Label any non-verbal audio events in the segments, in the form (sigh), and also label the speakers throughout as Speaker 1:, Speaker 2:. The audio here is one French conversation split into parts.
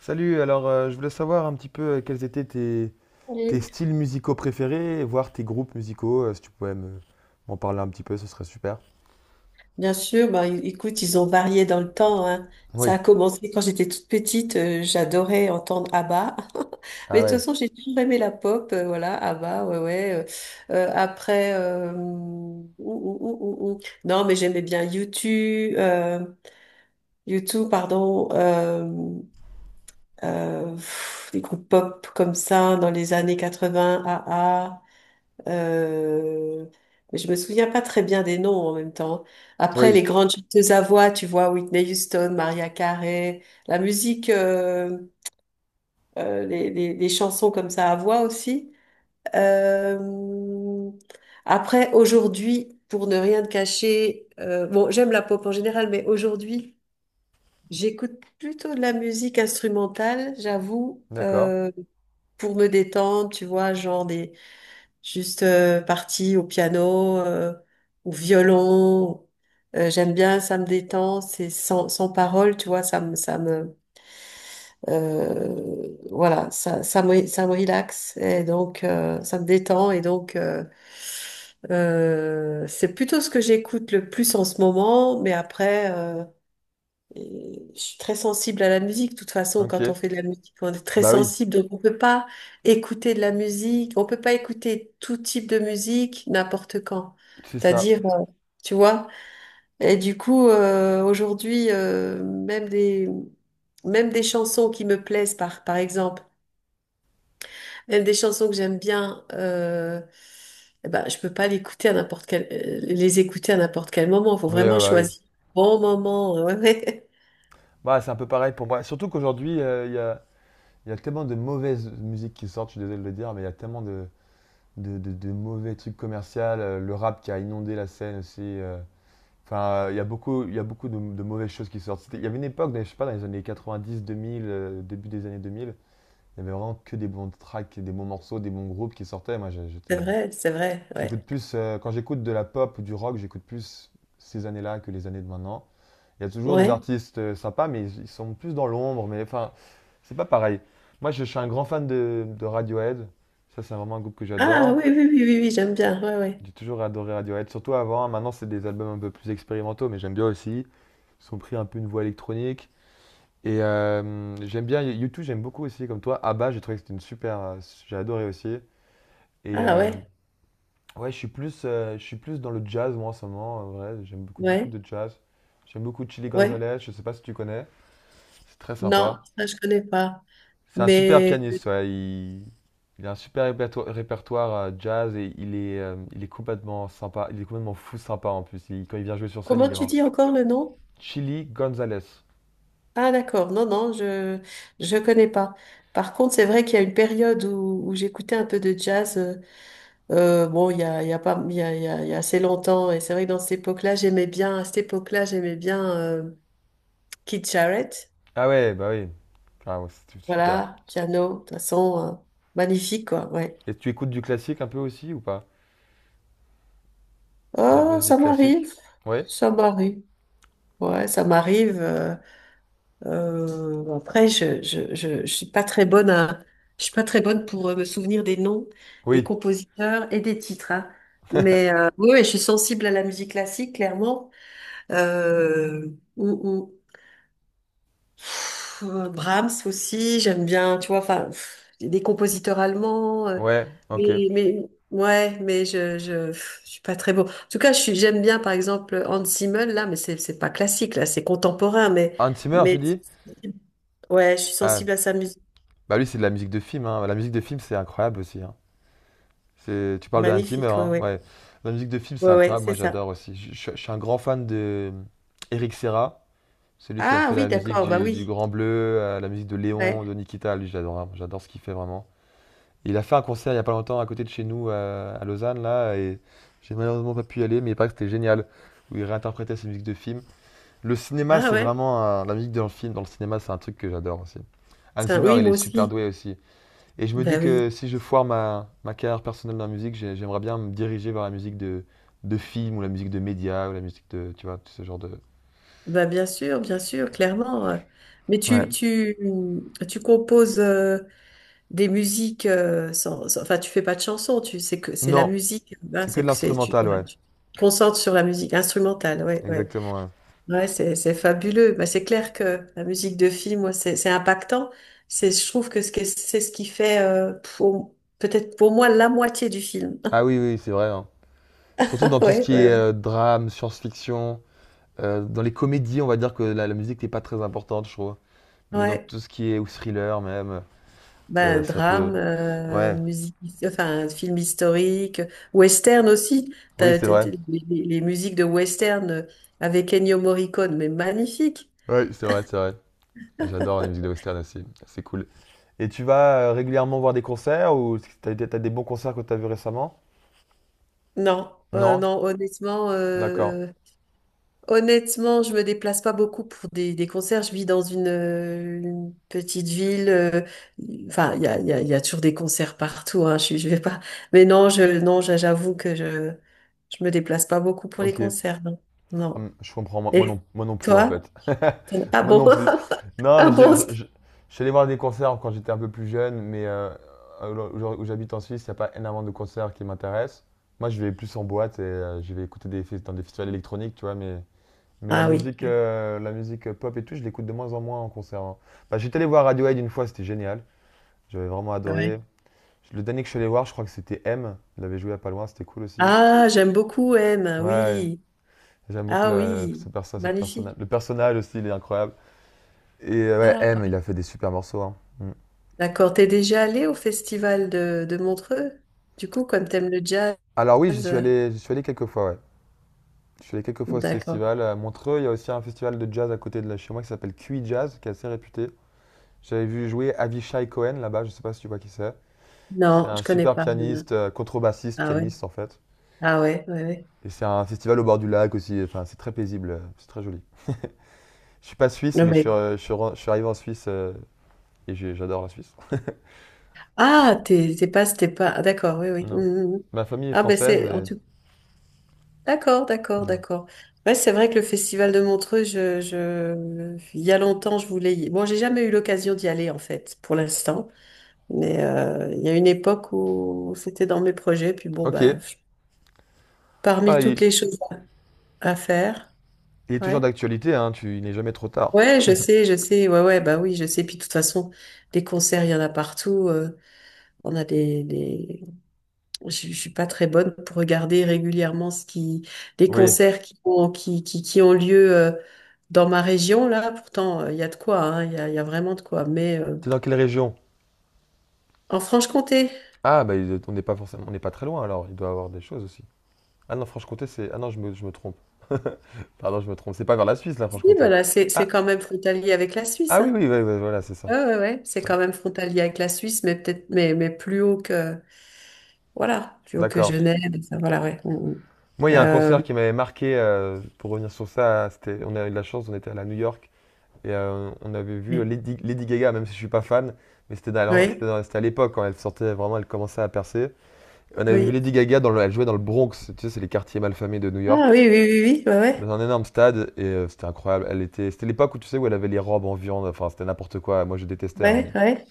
Speaker 1: Salut, alors je voulais savoir un petit peu quels étaient tes
Speaker 2: Oui,
Speaker 1: styles musicaux préférés, voire tes groupes musicaux, si tu pouvais m'en parler un petit peu, ce serait super.
Speaker 2: bien sûr, bah, écoute, ils ont varié dans le temps, hein.
Speaker 1: Oui.
Speaker 2: Ça a commencé quand j'étais toute petite, j'adorais entendre ABBA. (laughs) Mais
Speaker 1: Ah
Speaker 2: de toute
Speaker 1: ouais.
Speaker 2: façon, j'ai toujours aimé la pop, voilà, ABBA, ouais, ouais. Après, ouh, ouh, ouh, ouh, ouh. Non, mais j'aimais bien YouTube, 2 u pardon, euh, des groupes pop comme ça dans les années 80, AA. Euh, mais je me souviens pas très bien des noms en même temps. Après,
Speaker 1: Oui.
Speaker 2: les grandes chanteuses à voix, tu vois, Whitney Houston, Maria Carey, la musique, les chansons comme ça à voix aussi. Euh, Après, aujourd'hui, pour ne rien te cacher, bon, j'aime la pop en général, mais aujourd'hui, j'écoute plutôt de la musique instrumentale, j'avoue,
Speaker 1: D'accord,
Speaker 2: pour me détendre, tu vois, genre des juste partie au piano, au violon. J'aime bien, ça me détend, c'est sans parole, tu vois, ça me, voilà, ça, ça me relaxe et donc ça me détend et donc c'est plutôt ce que j'écoute le plus en ce moment, mais après. Et je suis très sensible à la musique. De toute façon,
Speaker 1: ok.
Speaker 2: quand on fait de la musique, on est très
Speaker 1: Bah oui.
Speaker 2: sensible. Donc, on peut pas écouter de la musique. On peut pas écouter tout type de musique n'importe quand.
Speaker 1: C'est ça.
Speaker 2: C'est-à-dire, tu vois. Et du coup, aujourd'hui, même des chansons qui me plaisent, par exemple, même des chansons que j'aime bien, eh ben, je peux pas l'écouter à n'importe les écouter à n'importe quel moment. Il faut
Speaker 1: Oui, ouais,
Speaker 2: vraiment
Speaker 1: bah oui.
Speaker 2: choisir le bon moment. (laughs)
Speaker 1: Bah, c'est un peu pareil pour moi, surtout qu'aujourd'hui, il y a tellement de mauvaises musiques qui sortent, je suis désolé de le dire, mais il y a tellement de mauvais trucs commerciaux, le rap qui a inondé la scène aussi. Enfin, il y a beaucoup de mauvaises choses qui sortent. Il y avait une époque, je sais pas, dans les années 90, 2000, début des années 2000, il y avait vraiment que des bons tracks, des bons morceaux, des bons groupes qui sortaient. Moi,
Speaker 2: Ouais.
Speaker 1: j'étais,
Speaker 2: C'est vrai,
Speaker 1: j'écoute
Speaker 2: ouais.
Speaker 1: plus, quand j'écoute de la pop ou du rock, j'écoute plus ces années-là que les années de maintenant. Il y a toujours des
Speaker 2: Ouais.
Speaker 1: artistes sympas, mais ils sont plus dans l'ombre. Mais enfin, c'est pas pareil. Moi, je suis un grand fan de Radiohead. Ça, c'est vraiment un groupe que
Speaker 2: Ah
Speaker 1: j'adore.
Speaker 2: oui, oui, oui, oui, oui, j'aime bien. Ouais, ouais.
Speaker 1: J'ai toujours adoré Radiohead, surtout avant. Maintenant, c'est des albums un peu plus expérimentaux, mais j'aime bien aussi. Ils ont pris un peu une voie électronique. Et j'aime bien YouTube, j'aime beaucoup aussi, comme toi. Abba, j'ai trouvé que c'était une super. J'ai adoré aussi. Et
Speaker 2: Ah ouais,
Speaker 1: ouais, je suis plus dans le jazz, moi, en ce moment. En vrai. J'aime beaucoup, beaucoup
Speaker 2: ouais,
Speaker 1: de jazz. J'aime beaucoup Chili
Speaker 2: ouais.
Speaker 1: Gonzalez, je sais pas si tu connais. C'est très sympa.
Speaker 2: Non, ça je connais pas.
Speaker 1: C'est un super
Speaker 2: Mais
Speaker 1: pianiste, ouais. Il a un super répertoire, jazz et il est complètement sympa. Il est complètement fou sympa en plus. Quand il vient jouer sur scène,
Speaker 2: comment
Speaker 1: il est.
Speaker 2: tu dis encore le nom?
Speaker 1: Chili Gonzalez.
Speaker 2: Ah d'accord, non, non, je connais pas. Par contre, c'est vrai qu'il y a une période où j'écoutais un peu de jazz. Bon, il y a pas, il y a, il y a, il y a assez longtemps. Et c'est vrai que dans cette époque-là, j'aimais bien. À cette époque-là, j'aimais bien Keith Jarrett.
Speaker 1: Ah ouais, bah oui. Ah ouais, c'était super.
Speaker 2: Voilà, piano, de toute façon, magnifique quoi. Ouais.
Speaker 1: Et tu écoutes du classique un peu aussi ou pas? La
Speaker 2: Oh,
Speaker 1: musique classique? Ouais?
Speaker 2: ça m'arrive. Ouais, ça m'arrive. Après, je suis pas très je suis pas très bonne pour me souvenir des noms, des
Speaker 1: Oui.
Speaker 2: compositeurs et des titres, hein. Mais oui, oui, je suis sensible à la musique classique, clairement. Euh, hum, hum. Brahms aussi, j'aime bien. Tu vois, enfin, des compositeurs allemands.
Speaker 1: Ouais, ok.
Speaker 2: Mais ouais, je suis pas très beau. En tout cas, j'aime bien par exemple Hans Zimmer là, mais c'est pas classique là, c'est contemporain,
Speaker 1: Hans Zimmer, tu
Speaker 2: mais
Speaker 1: dis?
Speaker 2: ouais, je suis
Speaker 1: Ah,
Speaker 2: sensible à sa musique.
Speaker 1: bah lui, c'est de la musique de film, hein. La musique de film, c'est incroyable aussi, hein. C'est. Tu parles de Hans Zimmer,
Speaker 2: Magnifique, ouais,
Speaker 1: hein?
Speaker 2: ouais,
Speaker 1: Ouais. La musique de film, c'est
Speaker 2: ouais, ouais,
Speaker 1: incroyable. Moi,
Speaker 2: c'est ça.
Speaker 1: j'adore aussi. Je suis un grand fan de Eric Serra, celui qui a
Speaker 2: Ah
Speaker 1: fait
Speaker 2: oui,
Speaker 1: la musique
Speaker 2: d'accord, bah
Speaker 1: du
Speaker 2: oui,
Speaker 1: Grand Bleu, la musique de Léon,
Speaker 2: ouais.
Speaker 1: de Nikita. Lui, j'adore, hein. J'adore ce qu'il fait vraiment. Il a fait un concert il y a pas longtemps à côté de chez nous, à Lausanne, là, et j'ai malheureusement pas pu y aller, mais il paraît que c'était génial, où il réinterprétait ses musiques de films. Le cinéma,
Speaker 2: Ah
Speaker 1: c'est
Speaker 2: ouais,
Speaker 1: vraiment la musique dans le film. Dans le cinéma, c'est un truc que j'adore aussi. Hans
Speaker 2: ça,
Speaker 1: Zimmer,
Speaker 2: oui,
Speaker 1: il est
Speaker 2: moi
Speaker 1: super
Speaker 2: aussi.
Speaker 1: doué aussi. Et je me dis
Speaker 2: Bah oui,
Speaker 1: que si je foire ma carrière personnelle dans la musique, j'aimerais bien me diriger vers la musique de film ou la musique de médias ou la musique de, tu vois, tout ce genre de.
Speaker 2: bah bien sûr, clairement. Mais
Speaker 1: Ouais.
Speaker 2: tu composes. Des musiques enfin tu fais pas de chansons tu c'est que c'est la
Speaker 1: Non,
Speaker 2: musique hein,
Speaker 1: c'est que de
Speaker 2: c'est que c'est tu,
Speaker 1: l'instrumental,
Speaker 2: voilà,
Speaker 1: ouais.
Speaker 2: tu te concentres sur la musique instrumentale, ouais, ouais,
Speaker 1: Exactement, ouais.
Speaker 2: ouais. C'est fabuleux. Bah, c'est clair que la musique de film, moi c'est impactant. C'est, je trouve que ce que- c'est ce qui fait pour- peut-être pour moi la moitié du film.
Speaker 1: Ah oui, oui, c'est vrai, hein. Surtout dans
Speaker 2: (laughs)
Speaker 1: tout ce
Speaker 2: Ouais,
Speaker 1: qui est
Speaker 2: ouais,
Speaker 1: drame, science-fiction. Dans les comédies, on va dire que la musique n'est pas très importante, je trouve.
Speaker 2: ouais,
Speaker 1: Mais dans
Speaker 2: ouais.
Speaker 1: tout ce qui est ou thriller même,
Speaker 2: Ben,
Speaker 1: ça peut,
Speaker 2: drame,
Speaker 1: ouais,
Speaker 2: film historique, western aussi.
Speaker 1: oui, c'est vrai.
Speaker 2: Les musiques de western avec Ennio Morricone, mais magnifique.
Speaker 1: Oui, c'est vrai, c'est vrai. J'adore les musiques de western aussi, c'est cool. Et tu vas, régulièrement voir des concerts ou t'as as des bons concerts que t'as as vus récemment?
Speaker 2: Non,
Speaker 1: Non?
Speaker 2: honnêtement,
Speaker 1: D'accord,
Speaker 2: honnêtement, je me déplace pas beaucoup pour des concerts. Je vis dans une petite ville. Enfin, il y a toujours des concerts partout. Hein, je vais pas. Mais non, j'avoue que je me déplace pas beaucoup pour les
Speaker 1: OK.
Speaker 2: concerts. Non, non.
Speaker 1: Je comprends, moi,
Speaker 2: Et
Speaker 1: moi non plus en
Speaker 2: toi?
Speaker 1: fait. (laughs)
Speaker 2: Ah
Speaker 1: Moi
Speaker 2: bon?
Speaker 1: non plus.
Speaker 2: (laughs)
Speaker 1: Non,
Speaker 2: Ah
Speaker 1: mais
Speaker 2: bon?
Speaker 1: je suis allé voir des concerts quand j'étais un peu plus jeune, mais où j'habite en Suisse, il n'y a pas énormément de concerts qui m'intéressent. Moi, je vais plus en boîte et je vais écouter dans des festivals électroniques, tu vois, mais,
Speaker 2: Ah oui,
Speaker 1: la musique pop et tout, je l'écoute de moins en moins en concert, hein. Bah, j'étais allé voir Radiohead une fois, c'était génial. J'avais vraiment
Speaker 2: ouais.
Speaker 1: adoré. Le dernier que je suis allé voir, je crois que c'était M. Il avait joué à pas loin, c'était cool aussi.
Speaker 2: Ah, j'aime beaucoup M,
Speaker 1: Ouais.
Speaker 2: oui.
Speaker 1: J'aime beaucoup
Speaker 2: Ah oui,
Speaker 1: cette personnage.
Speaker 2: magnifique.
Speaker 1: Le personnage aussi, il est incroyable. Et ouais,
Speaker 2: Ah,
Speaker 1: M, il a fait des super morceaux, hein. Mm.
Speaker 2: d'accord. T'es déjà allé au festival de Montreux? Du coup, comme t'aimes le jazz,
Speaker 1: Alors oui, j'y suis
Speaker 2: euh,
Speaker 1: allé, j'y suis allé quelques fois, ouais. Je suis allé quelques fois à ce
Speaker 2: d'accord.
Speaker 1: festival. À Montreux, il y a aussi un festival de jazz à côté de là, chez moi qui s'appelle QI Jazz, qui est assez réputé. J'avais vu jouer Avishai Cohen là-bas, je sais pas si tu vois qui c'est. C'est
Speaker 2: Non, je
Speaker 1: un
Speaker 2: connais
Speaker 1: super
Speaker 2: pas. Non, non.
Speaker 1: pianiste, contrebassiste,
Speaker 2: Ah ouais,
Speaker 1: pianiste en fait.
Speaker 2: ah ouais, ouais, ouais.
Speaker 1: Et c'est un festival au bord du lac aussi, enfin c'est très paisible, c'est très joli. Je suis pas suisse,
Speaker 2: Non,
Speaker 1: mais je suis,
Speaker 2: mais-
Speaker 1: euh, je suis, je suis arrivé en Suisse, et j'adore la Suisse.
Speaker 2: Ah, t'es pas. Ah, d'accord, oui, oui.
Speaker 1: Non.
Speaker 2: Mhm, mhm.
Speaker 1: Ma famille est
Speaker 2: Ah ben
Speaker 1: française
Speaker 2: c'est en
Speaker 1: et.
Speaker 2: tout d'accord, d'accord,
Speaker 1: Ouais.
Speaker 2: d'accord. Ouais, c'est vrai que le festival de Montreux, il y a longtemps, je voulais y... Bon, j'ai jamais eu l'occasion d'y aller, en fait, pour l'instant. Mais il y a une époque où c'était dans mes projets. Puis bon,
Speaker 1: Ok.
Speaker 2: ben, parmi
Speaker 1: Ah,
Speaker 2: toutes
Speaker 1: il,
Speaker 2: les choses à faire,
Speaker 1: il est toujours
Speaker 2: ouais.
Speaker 1: d'actualité, hein, il n'est jamais trop tard.
Speaker 2: Ouais, je sais, je sais. Ouais, ouais, bah oui, je sais. Puis de toute façon, des concerts, il y en a partout. On a je suis pas très bonne pour regarder régulièrement ce qui, les
Speaker 1: Oui.
Speaker 2: concerts qui ont lieu dans ma région, là. Pourtant, il y a de quoi, hein, il y a vraiment de quoi. Mais
Speaker 1: T'es dans quelle région?
Speaker 2: en Franche-Comté,
Speaker 1: Ah, bah, on n'est pas forcément, on n'est pas très loin alors, il doit avoir des choses aussi. Ah non, Franche-Comté, c'est. Ah non, je me trompe. (laughs) Pardon, je me trompe. C'est pas vers la Suisse, là,
Speaker 2: si,
Speaker 1: Franche-Comté.
Speaker 2: voilà, c'est
Speaker 1: Ah,
Speaker 2: quand même frontalier avec la Suisse,
Speaker 1: ah oui,
Speaker 2: hein.
Speaker 1: oui, oui, oui, voilà, c'est
Speaker 2: Ouais,
Speaker 1: ça.
Speaker 2: ouais, ouais,
Speaker 1: C'est
Speaker 2: c'est
Speaker 1: ça.
Speaker 2: quand même frontalier avec la Suisse, mais peut-être, mais plus voilà, plus haut que
Speaker 1: D'accord.
Speaker 2: Genève, et ça, voilà, ouais. Mm,
Speaker 1: Moi,
Speaker 2: mm.
Speaker 1: il y a un concert qui m'avait marqué, pour revenir sur ça, c'était, on a eu de la chance, on était allé à New York et on avait vu
Speaker 2: Oui,
Speaker 1: Lady Gaga, même si je suis pas fan, mais c'était dans la- c'était
Speaker 2: oui,
Speaker 1: dans- c'était à l'époque quand elle sortait vraiment, elle commençait à percer. On avait vu
Speaker 2: oui.
Speaker 1: Lady Gaga, elle jouait dans le Bronx, tu sais, c'est les quartiers malfamés de New
Speaker 2: Ah
Speaker 1: York,
Speaker 2: oui, oui, oui, oui,
Speaker 1: dans
Speaker 2: ouais,
Speaker 1: un énorme stade, et c'était incroyable. C'était l'époque où tu sais où elle avait les robes en viande, enfin c'était n'importe quoi. Moi je détestais, hein,
Speaker 2: ouais, ouais, ouais.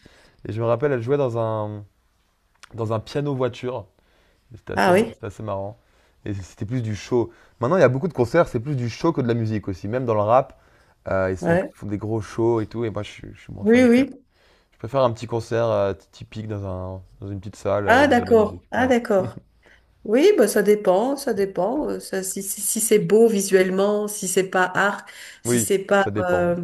Speaker 1: et je me rappelle, elle jouait dans un piano voiture.
Speaker 2: Ah oui,
Speaker 1: C'était assez marrant. Et c'était plus du show. Maintenant il y a beaucoup de concerts, c'est plus du show que de la musique aussi. Même dans le rap,
Speaker 2: ouais.
Speaker 1: font des gros shows et tout. Et moi je suis moins
Speaker 2: Oui,
Speaker 1: fan.
Speaker 2: oui.
Speaker 1: Je préfère un petit concert typique dans une petite salle
Speaker 2: Ah,
Speaker 1: avec de la bonne musique.
Speaker 2: d'accord. Ah,
Speaker 1: Ouais.
Speaker 2: d'accord. Oui, bah, ça dépend, ça dépend. Ça, si c'est beau visuellement, si c'est pas art, si
Speaker 1: Oui,
Speaker 2: c'est pas,
Speaker 1: ça dépend, ouais.
Speaker 2: euh,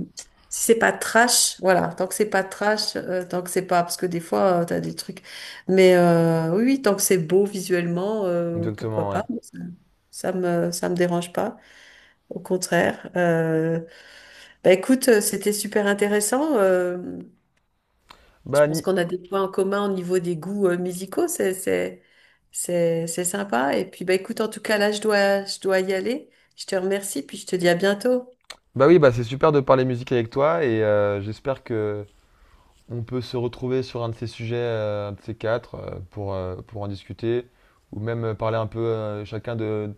Speaker 2: si c'est pas trash, voilà. Tant que c'est pas trash, tant que c'est pas, parce que des fois, tu t'as des trucs. Mais oui, oui, tant que c'est beau visuellement,
Speaker 1: Exactement,
Speaker 2: pourquoi
Speaker 1: ouais.
Speaker 2: pas? Ça me dérange pas. Au contraire. Bah, écoute, c'était super intéressant. Je
Speaker 1: Bah,
Speaker 2: pense qu'on a des points en commun au niveau des goûts musicaux, c'est sympa. Et puis bah écoute, en tout cas là, je dois y aller. Je te remercie, puis je te dis à bientôt.
Speaker 1: bah oui, bah c'est super de parler musique avec toi et j'espère que on peut se retrouver sur un de ces sujets, un de ces quatre, pour en discuter ou même parler un peu chacun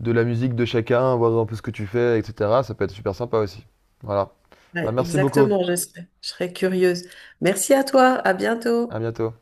Speaker 1: de la musique de chacun, voir un peu ce que tu fais, etc. Ça peut être super sympa aussi. Voilà. Bah
Speaker 2: Ouais,
Speaker 1: merci beaucoup.
Speaker 2: exactement, je serai curieuse. Merci à toi, à
Speaker 1: À
Speaker 2: bientôt.
Speaker 1: bientôt.